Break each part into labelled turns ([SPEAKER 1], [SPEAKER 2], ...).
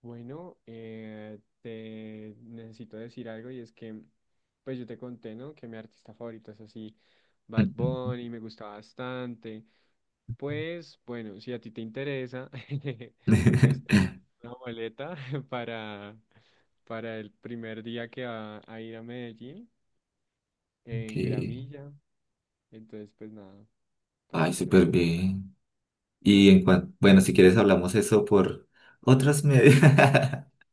[SPEAKER 1] Bueno, te necesito decir algo y es que, pues yo te conté, ¿no? Que mi artista favorito es así, Bad Bunny, me gusta bastante. Pues bueno, si a ti te interesa, estoy
[SPEAKER 2] Ok.
[SPEAKER 1] una boleta para, para el primer día que va a ir a Medellín en Gramilla. Entonces, pues nada, para
[SPEAKER 2] Ay,
[SPEAKER 1] que lo
[SPEAKER 2] súper bien. Y en cuanto, bueno, si quieres hablamos eso por otras medias.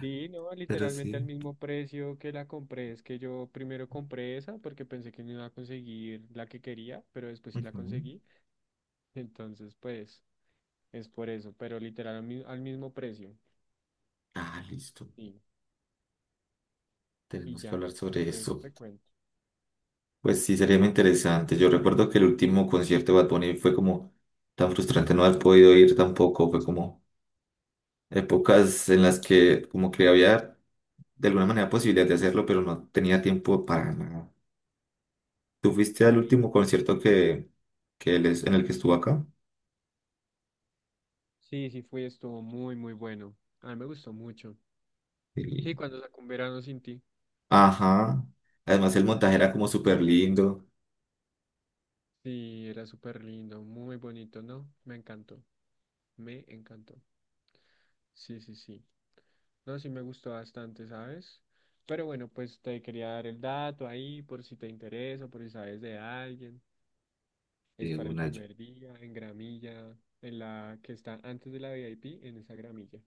[SPEAKER 1] sí, no,
[SPEAKER 2] Pero
[SPEAKER 1] literalmente al
[SPEAKER 2] sí.
[SPEAKER 1] mismo precio que la compré. Es que yo primero compré esa porque pensé que no iba a conseguir la que quería, pero después sí la
[SPEAKER 2] Ujú.
[SPEAKER 1] conseguí. Entonces, pues, es por eso, pero literal al, al mismo precio.
[SPEAKER 2] Ah, listo.
[SPEAKER 1] Sí, y
[SPEAKER 2] Tenemos que
[SPEAKER 1] ya,
[SPEAKER 2] hablar sobre
[SPEAKER 1] pues, eso
[SPEAKER 2] eso.
[SPEAKER 1] te cuento,
[SPEAKER 2] Pues sí, sería muy interesante. Yo recuerdo que el último concierto de Bad Bunny fue como tan frustrante no haber podido ir tampoco. Fue como épocas en las que como que había de alguna manera posibilidad de hacerlo, pero no tenía tiempo para nada. ¿Tú fuiste al
[SPEAKER 1] para ir.
[SPEAKER 2] último concierto que en el que estuvo acá?
[SPEAKER 1] Sí, sí fui, estuvo muy bueno. A mí me gustó mucho. Sí,
[SPEAKER 2] Sí.
[SPEAKER 1] cuando sacó un verano sin ti,
[SPEAKER 2] Ajá. Además el
[SPEAKER 1] ese fue el
[SPEAKER 2] montaje era
[SPEAKER 1] último.
[SPEAKER 2] como súper lindo.
[SPEAKER 1] Sí, era súper lindo, muy bonito, ¿no? Me encantó, me encantó. Sí. No, sí me gustó bastante, ¿sabes? Pero bueno, pues te quería dar el dato ahí por si te interesa, por si sabes de alguien. Es para el
[SPEAKER 2] Una
[SPEAKER 1] primer día en gramilla, en la que está antes de la VIP, en esa gramilla.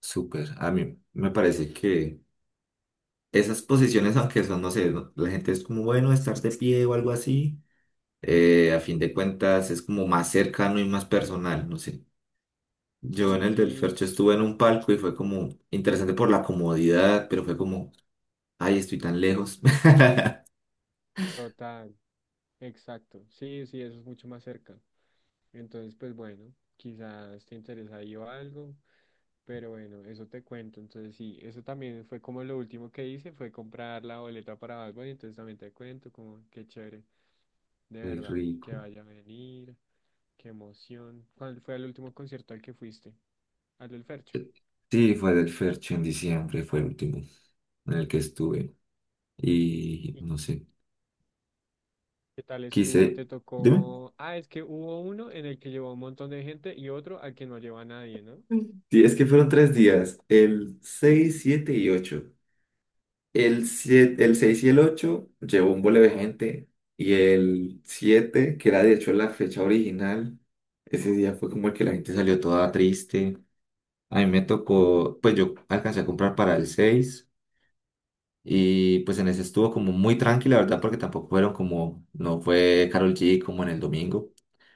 [SPEAKER 2] súper. A mí me parece que esas posiciones, aunque son, no sé, la gente es como bueno estar de pie o algo así, a fin de cuentas es como más cercano y más personal, no sé. Yo en el del
[SPEAKER 1] Sí,
[SPEAKER 2] Fercho estuve en un palco y fue como interesante por la comodidad, pero fue como, ay, estoy tan lejos.
[SPEAKER 1] total, exacto. Sí, eso es mucho más cerca. Entonces, pues bueno, quizás te interesa ahí o algo, pero bueno, eso te cuento. Entonces, sí, eso también fue como lo último que hice, fue comprar la boleta para Bad Bunny, entonces también te cuento como qué chévere, de
[SPEAKER 2] Qué
[SPEAKER 1] verdad, que
[SPEAKER 2] rico.
[SPEAKER 1] vaya a venir, qué emoción. ¿Cuál fue el último concierto al que fuiste? Al del Fercho.
[SPEAKER 2] Sí, fue del Fercho en diciembre, fue el último en el que estuve. Y
[SPEAKER 1] ¿Y
[SPEAKER 2] no sé.
[SPEAKER 1] qué tal estuvo?
[SPEAKER 2] Quise,
[SPEAKER 1] ¿Te
[SPEAKER 2] dime.
[SPEAKER 1] tocó? Ah, es que hubo uno en el que llevó un montón de gente y otro al que no lleva a nadie, ¿no?
[SPEAKER 2] Mm. Sí, es que fueron tres días, el 6 7 y ocho. El, 7 el 6 y el 8 llevó un bole de gente y el 7 que era de hecho la fecha original, ese día fue como el que la gente salió toda triste. A mí me tocó, pues yo alcancé a comprar para el 6 y pues en ese estuvo como muy tranquila, ¿verdad? Porque tampoco fueron como, no fue Carol G como en el domingo.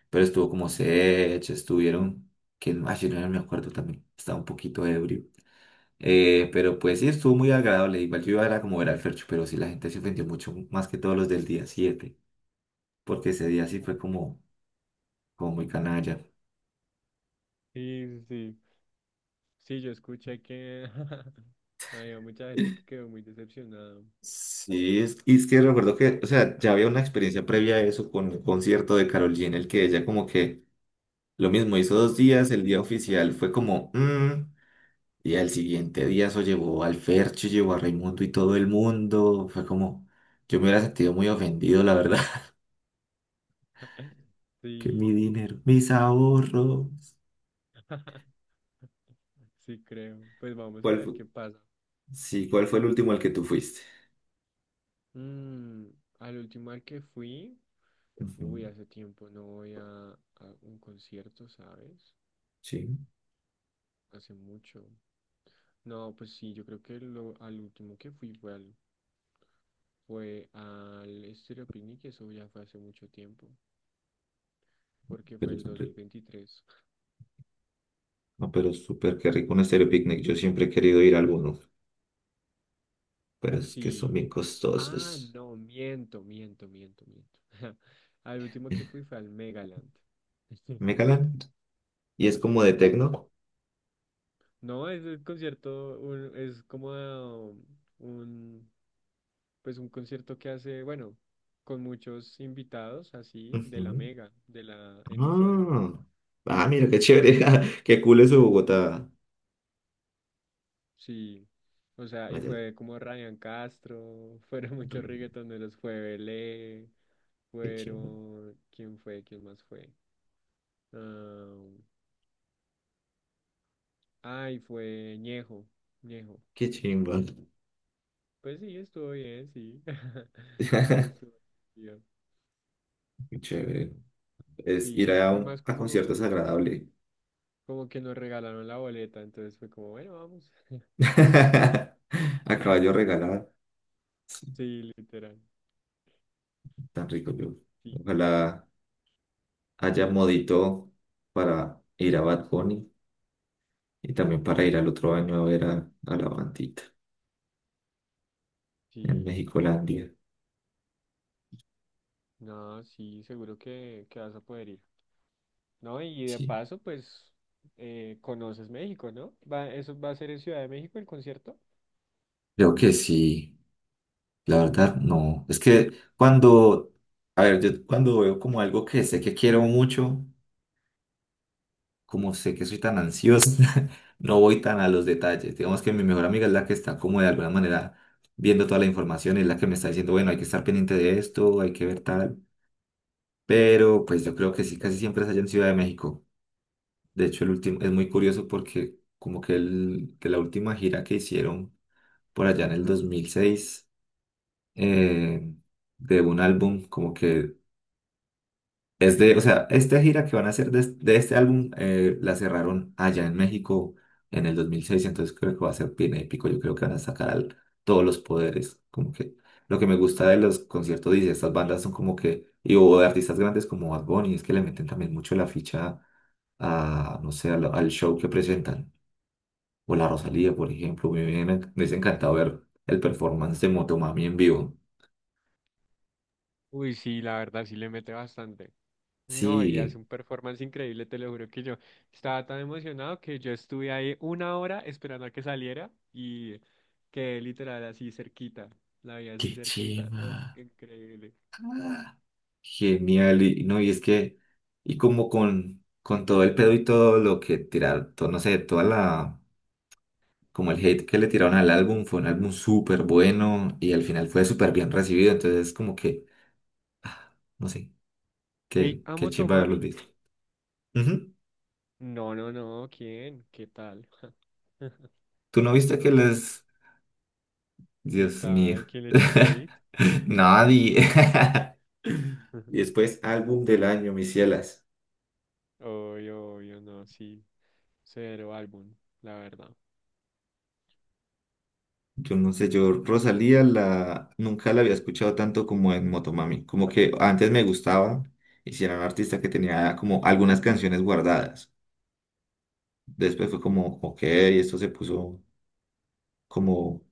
[SPEAKER 2] Pero estuvo como Sech, estuvieron, quién más yo no me acuerdo también, estaba un poquito ebrio. Pero pues sí, estuvo muy agradable. Igual yo iba era como ver al Fercho, pero sí la gente se ofendió mucho más que todos los del día 7 porque ese día sí
[SPEAKER 1] Uh.
[SPEAKER 2] fue como, como muy canalla.
[SPEAKER 1] Sí, sí, sí. Sí, yo escuché que había mucha gente que quedó muy decepcionada.
[SPEAKER 2] Sí, es, y es que recuerdo que, o sea, ya había una experiencia previa a eso con el concierto de Karol G, en el que ella como que lo mismo hizo dos días, el día oficial fue como, "Mm", y al siguiente día eso llevó al Fercho, llevó a Raimundo y todo el mundo. Fue como, yo me hubiera sentido muy ofendido, la verdad. Que mi
[SPEAKER 1] Sí,
[SPEAKER 2] dinero, mis ahorros.
[SPEAKER 1] sí creo. Pues vamos a
[SPEAKER 2] ¿Cuál
[SPEAKER 1] ver
[SPEAKER 2] fue?
[SPEAKER 1] qué pasa.
[SPEAKER 2] Sí, ¿cuál fue el último al que tú fuiste?
[SPEAKER 1] Mm, al último al que fui,
[SPEAKER 2] Ujú.
[SPEAKER 1] uy, hace tiempo no voy a un concierto, ¿sabes?
[SPEAKER 2] Sí,
[SPEAKER 1] Hace mucho. No, pues sí, yo creo que lo, al último que fui fue al Estéreo Picnic, y eso ya fue hace mucho tiempo, porque fue
[SPEAKER 2] pero
[SPEAKER 1] el
[SPEAKER 2] son ri-
[SPEAKER 1] 2023.
[SPEAKER 2] No, pero súper qué rico un estéreo picnic. Yo siempre he querido ir a alguno, pero es que son
[SPEAKER 1] Sí.
[SPEAKER 2] bien
[SPEAKER 1] Ah,
[SPEAKER 2] costosos.
[SPEAKER 1] no, miento. Al último que fui fue al Megaland.
[SPEAKER 2] ¿Me calan? Y es como
[SPEAKER 1] Sí,
[SPEAKER 2] de
[SPEAKER 1] sí, sí.
[SPEAKER 2] tecno.
[SPEAKER 1] No, es un concierto, es como ah, un, pues un concierto que hace, bueno, con muchos invitados así de la
[SPEAKER 2] Ujú.
[SPEAKER 1] Mega, de la emisora.
[SPEAKER 2] Ah, ah, mira, qué chévere. Qué cool es Bogotá.
[SPEAKER 1] Sí. O sea, y
[SPEAKER 2] Allá,
[SPEAKER 1] fue como Ryan Castro, fueron muchos
[SPEAKER 2] re-
[SPEAKER 1] reggaetoneros, fue Belé,
[SPEAKER 2] qué chingo.
[SPEAKER 1] fueron, ¿quién fue? ¿Quién más fue? Ah, ay, fue Ñejo, Ñejo.
[SPEAKER 2] Qué chimba.
[SPEAKER 1] Pues sí, estuvo bien, sí. Sí, estuvo bien.
[SPEAKER 2] Qué Chévere. Es ir
[SPEAKER 1] Sí,
[SPEAKER 2] a,
[SPEAKER 1] fue más
[SPEAKER 2] a conciertos
[SPEAKER 1] como,
[SPEAKER 2] agradable.
[SPEAKER 1] como que nos regalaron la boleta, entonces fue como, bueno, vamos.
[SPEAKER 2] A caballo regalado. Sí,
[SPEAKER 1] Sí, literal.
[SPEAKER 2] tan rico yo.
[SPEAKER 1] Sí,
[SPEAKER 2] Ojalá haya modito para ir a Bad Bunny y también para ir al otro año a ver a la bandita en
[SPEAKER 1] sí.
[SPEAKER 2] Mexicolandia.
[SPEAKER 1] No, sí, seguro que vas a poder ir. No, y de
[SPEAKER 2] Sí.
[SPEAKER 1] paso, pues, conoces México, ¿no? Va, eso va a ser en Ciudad de México el concierto.
[SPEAKER 2] Creo que sí, la verdad no. Es que cuando, a ver, yo cuando veo como algo que sé que quiero mucho. Como sé que soy tan ansiosa, no voy tan a los detalles. Digamos que mi mejor amiga es la que está como de alguna manera viendo toda la información, es la que me está diciendo, bueno, hay que estar pendiente de esto, hay que ver tal. Pero pues yo creo que sí, casi siempre es allá en Ciudad de México. De hecho, el último es muy curioso porque como que, el, que la última gira que hicieron por allá en el 2006 eh, de un álbum, como que es de, o sea, esta gira que van a hacer de, de este álbum la cerraron allá en México en el 2006, entonces creo que va a ser bien épico. Yo creo que van a sacar todos los poderes. Como que lo que me gusta de los conciertos y de estas bandas son como que, y o de artistas grandes como Bad Bunny, es que le meten también mucho la ficha a, no sé, al, al show que presentan. O la Rosalía, por ejemplo. Me hubiese encantado ver el performance de Motomami en vivo.
[SPEAKER 1] Uy, sí, la verdad sí le mete bastante. No, y hace
[SPEAKER 2] Sí,
[SPEAKER 1] un performance increíble, te lo juro que yo estaba tan emocionado que yo estuve ahí una hora esperando a que saliera y quedé literal así cerquita, la vi así
[SPEAKER 2] qué
[SPEAKER 1] cerquita, no,
[SPEAKER 2] chima.
[SPEAKER 1] increíble.
[SPEAKER 2] Genial, y no, y es que, y como con todo el pedo y todo lo que tiraron, todo, no sé, toda la, como el hate que le tiraron al álbum, fue un álbum súper bueno y al final fue súper bien recibido, entonces como que, ah, no sé,
[SPEAKER 1] Hey,
[SPEAKER 2] qué, qué
[SPEAKER 1] ¿amo
[SPEAKER 2] chimba haberlos
[SPEAKER 1] Tomami?
[SPEAKER 2] visto. Ujú.
[SPEAKER 1] No, no, no, ¿quién? ¿Qué tal?
[SPEAKER 2] ¿Tú no viste que
[SPEAKER 1] No,
[SPEAKER 2] les,
[SPEAKER 1] ¿qué
[SPEAKER 2] Dios mío,
[SPEAKER 1] tal? ¿Quién le echó hate?
[SPEAKER 2] nadie? Y después, álbum del año, mis cielas.
[SPEAKER 1] Obvio, obvio, no, sí, cero álbum, la verdad.
[SPEAKER 2] Yo no sé, yo
[SPEAKER 1] Ujú.
[SPEAKER 2] Rosalía la nunca la había escuchado tanto como en Motomami. Como que antes me gustaba y si era un artista que tenía como algunas canciones guardadas. Después fue como, ok, esto se puso como,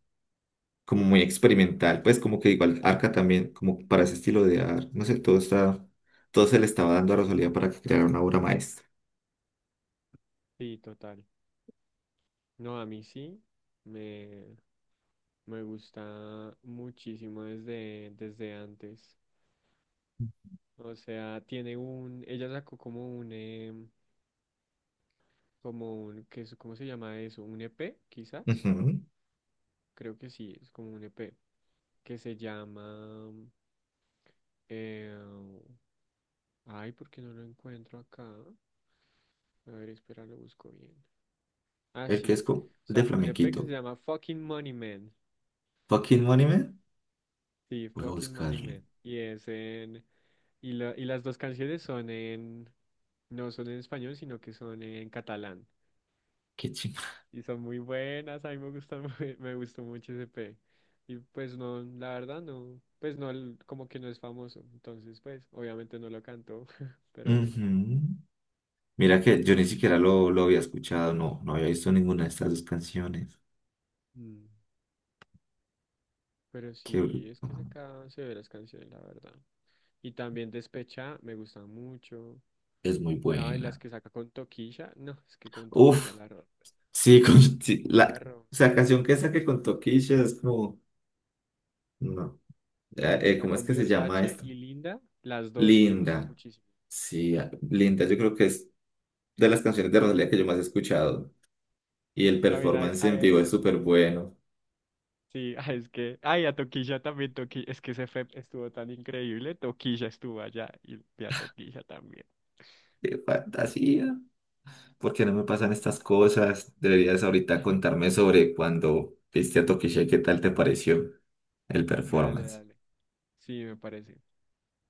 [SPEAKER 2] como muy experimental. Pues como que igual Arca también, como para ese estilo de arte. No sé, todo está, todo se le estaba dando a Rosalía para que creara una obra maestra.
[SPEAKER 1] Sí, total. No, a mí sí, me... Me gusta muchísimo desde, desde antes. O sea, tiene un, ella sacó como un, como un, ¿cómo se llama eso? Un EP, quizás.
[SPEAKER 2] Ujú.
[SPEAKER 1] Creo que sí, es como un EP. Que se llama, eh, ay, ¿por qué no lo encuentro acá? A ver, espera, lo busco bien. Ah,
[SPEAKER 2] El que
[SPEAKER 1] sí.
[SPEAKER 2] es de
[SPEAKER 1] Sacó un EP que se
[SPEAKER 2] flamenquito.
[SPEAKER 1] llama Fucking Money Man.
[SPEAKER 2] Fucking Money Man.
[SPEAKER 1] Sí,
[SPEAKER 2] Voy a
[SPEAKER 1] Fucking Money
[SPEAKER 2] buscarlo.
[SPEAKER 1] Man. Y es en... Y, y las dos canciones son en... No son en español, sino que son en catalán.
[SPEAKER 2] Qué chingada.
[SPEAKER 1] Y son muy buenas, a mí me gustan, me gustó mucho ese P. Y pues no, la verdad no, pues no, como que no es famoso. Entonces, pues, obviamente no lo cantó, pero bueno.
[SPEAKER 2] Mira que yo ni siquiera lo había escuchado, no, no había visto ninguna de estas dos canciones.
[SPEAKER 1] Mm. Pero
[SPEAKER 2] Qué bruto.
[SPEAKER 1] sí, es que sacaban severas canciones, la verdad. Y también Despecha, me gusta mucho.
[SPEAKER 2] Es muy
[SPEAKER 1] La, y las
[SPEAKER 2] buena.
[SPEAKER 1] que saca con Toquilla, no, es que con Toquilla
[SPEAKER 2] Uf,
[SPEAKER 1] la,
[SPEAKER 2] sí, con, sí,
[SPEAKER 1] la
[SPEAKER 2] la,
[SPEAKER 1] rompe.
[SPEAKER 2] o sea, canción que esa que contó Keisha es como, no,
[SPEAKER 1] Y la
[SPEAKER 2] ¿cómo es que
[SPEAKER 1] combi
[SPEAKER 2] se llama
[SPEAKER 1] Versace
[SPEAKER 2] esta?
[SPEAKER 1] y Linda, las dos me gustan
[SPEAKER 2] Linda,
[SPEAKER 1] muchísimo.
[SPEAKER 2] sí, ah, Linda, yo creo que es de las canciones de Rosalía que yo más he escuchado. Y el
[SPEAKER 1] También
[SPEAKER 2] performance en vivo es súper bueno.
[SPEAKER 1] sí, es que, ay, a Toquilla también, Toquilla, es que ese FEP estuvo tan increíble, Toquilla estuvo allá y a Toquilla también.
[SPEAKER 2] Qué fantasía. ¿Por qué no me pasan
[SPEAKER 1] Increíble.
[SPEAKER 2] estas cosas? Deberías ahorita contarme sobre cuando viste a Tokishé, ¿qué tal te pareció el
[SPEAKER 1] Dale,
[SPEAKER 2] performance?
[SPEAKER 1] dale. Sí, me parece.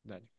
[SPEAKER 1] Dale.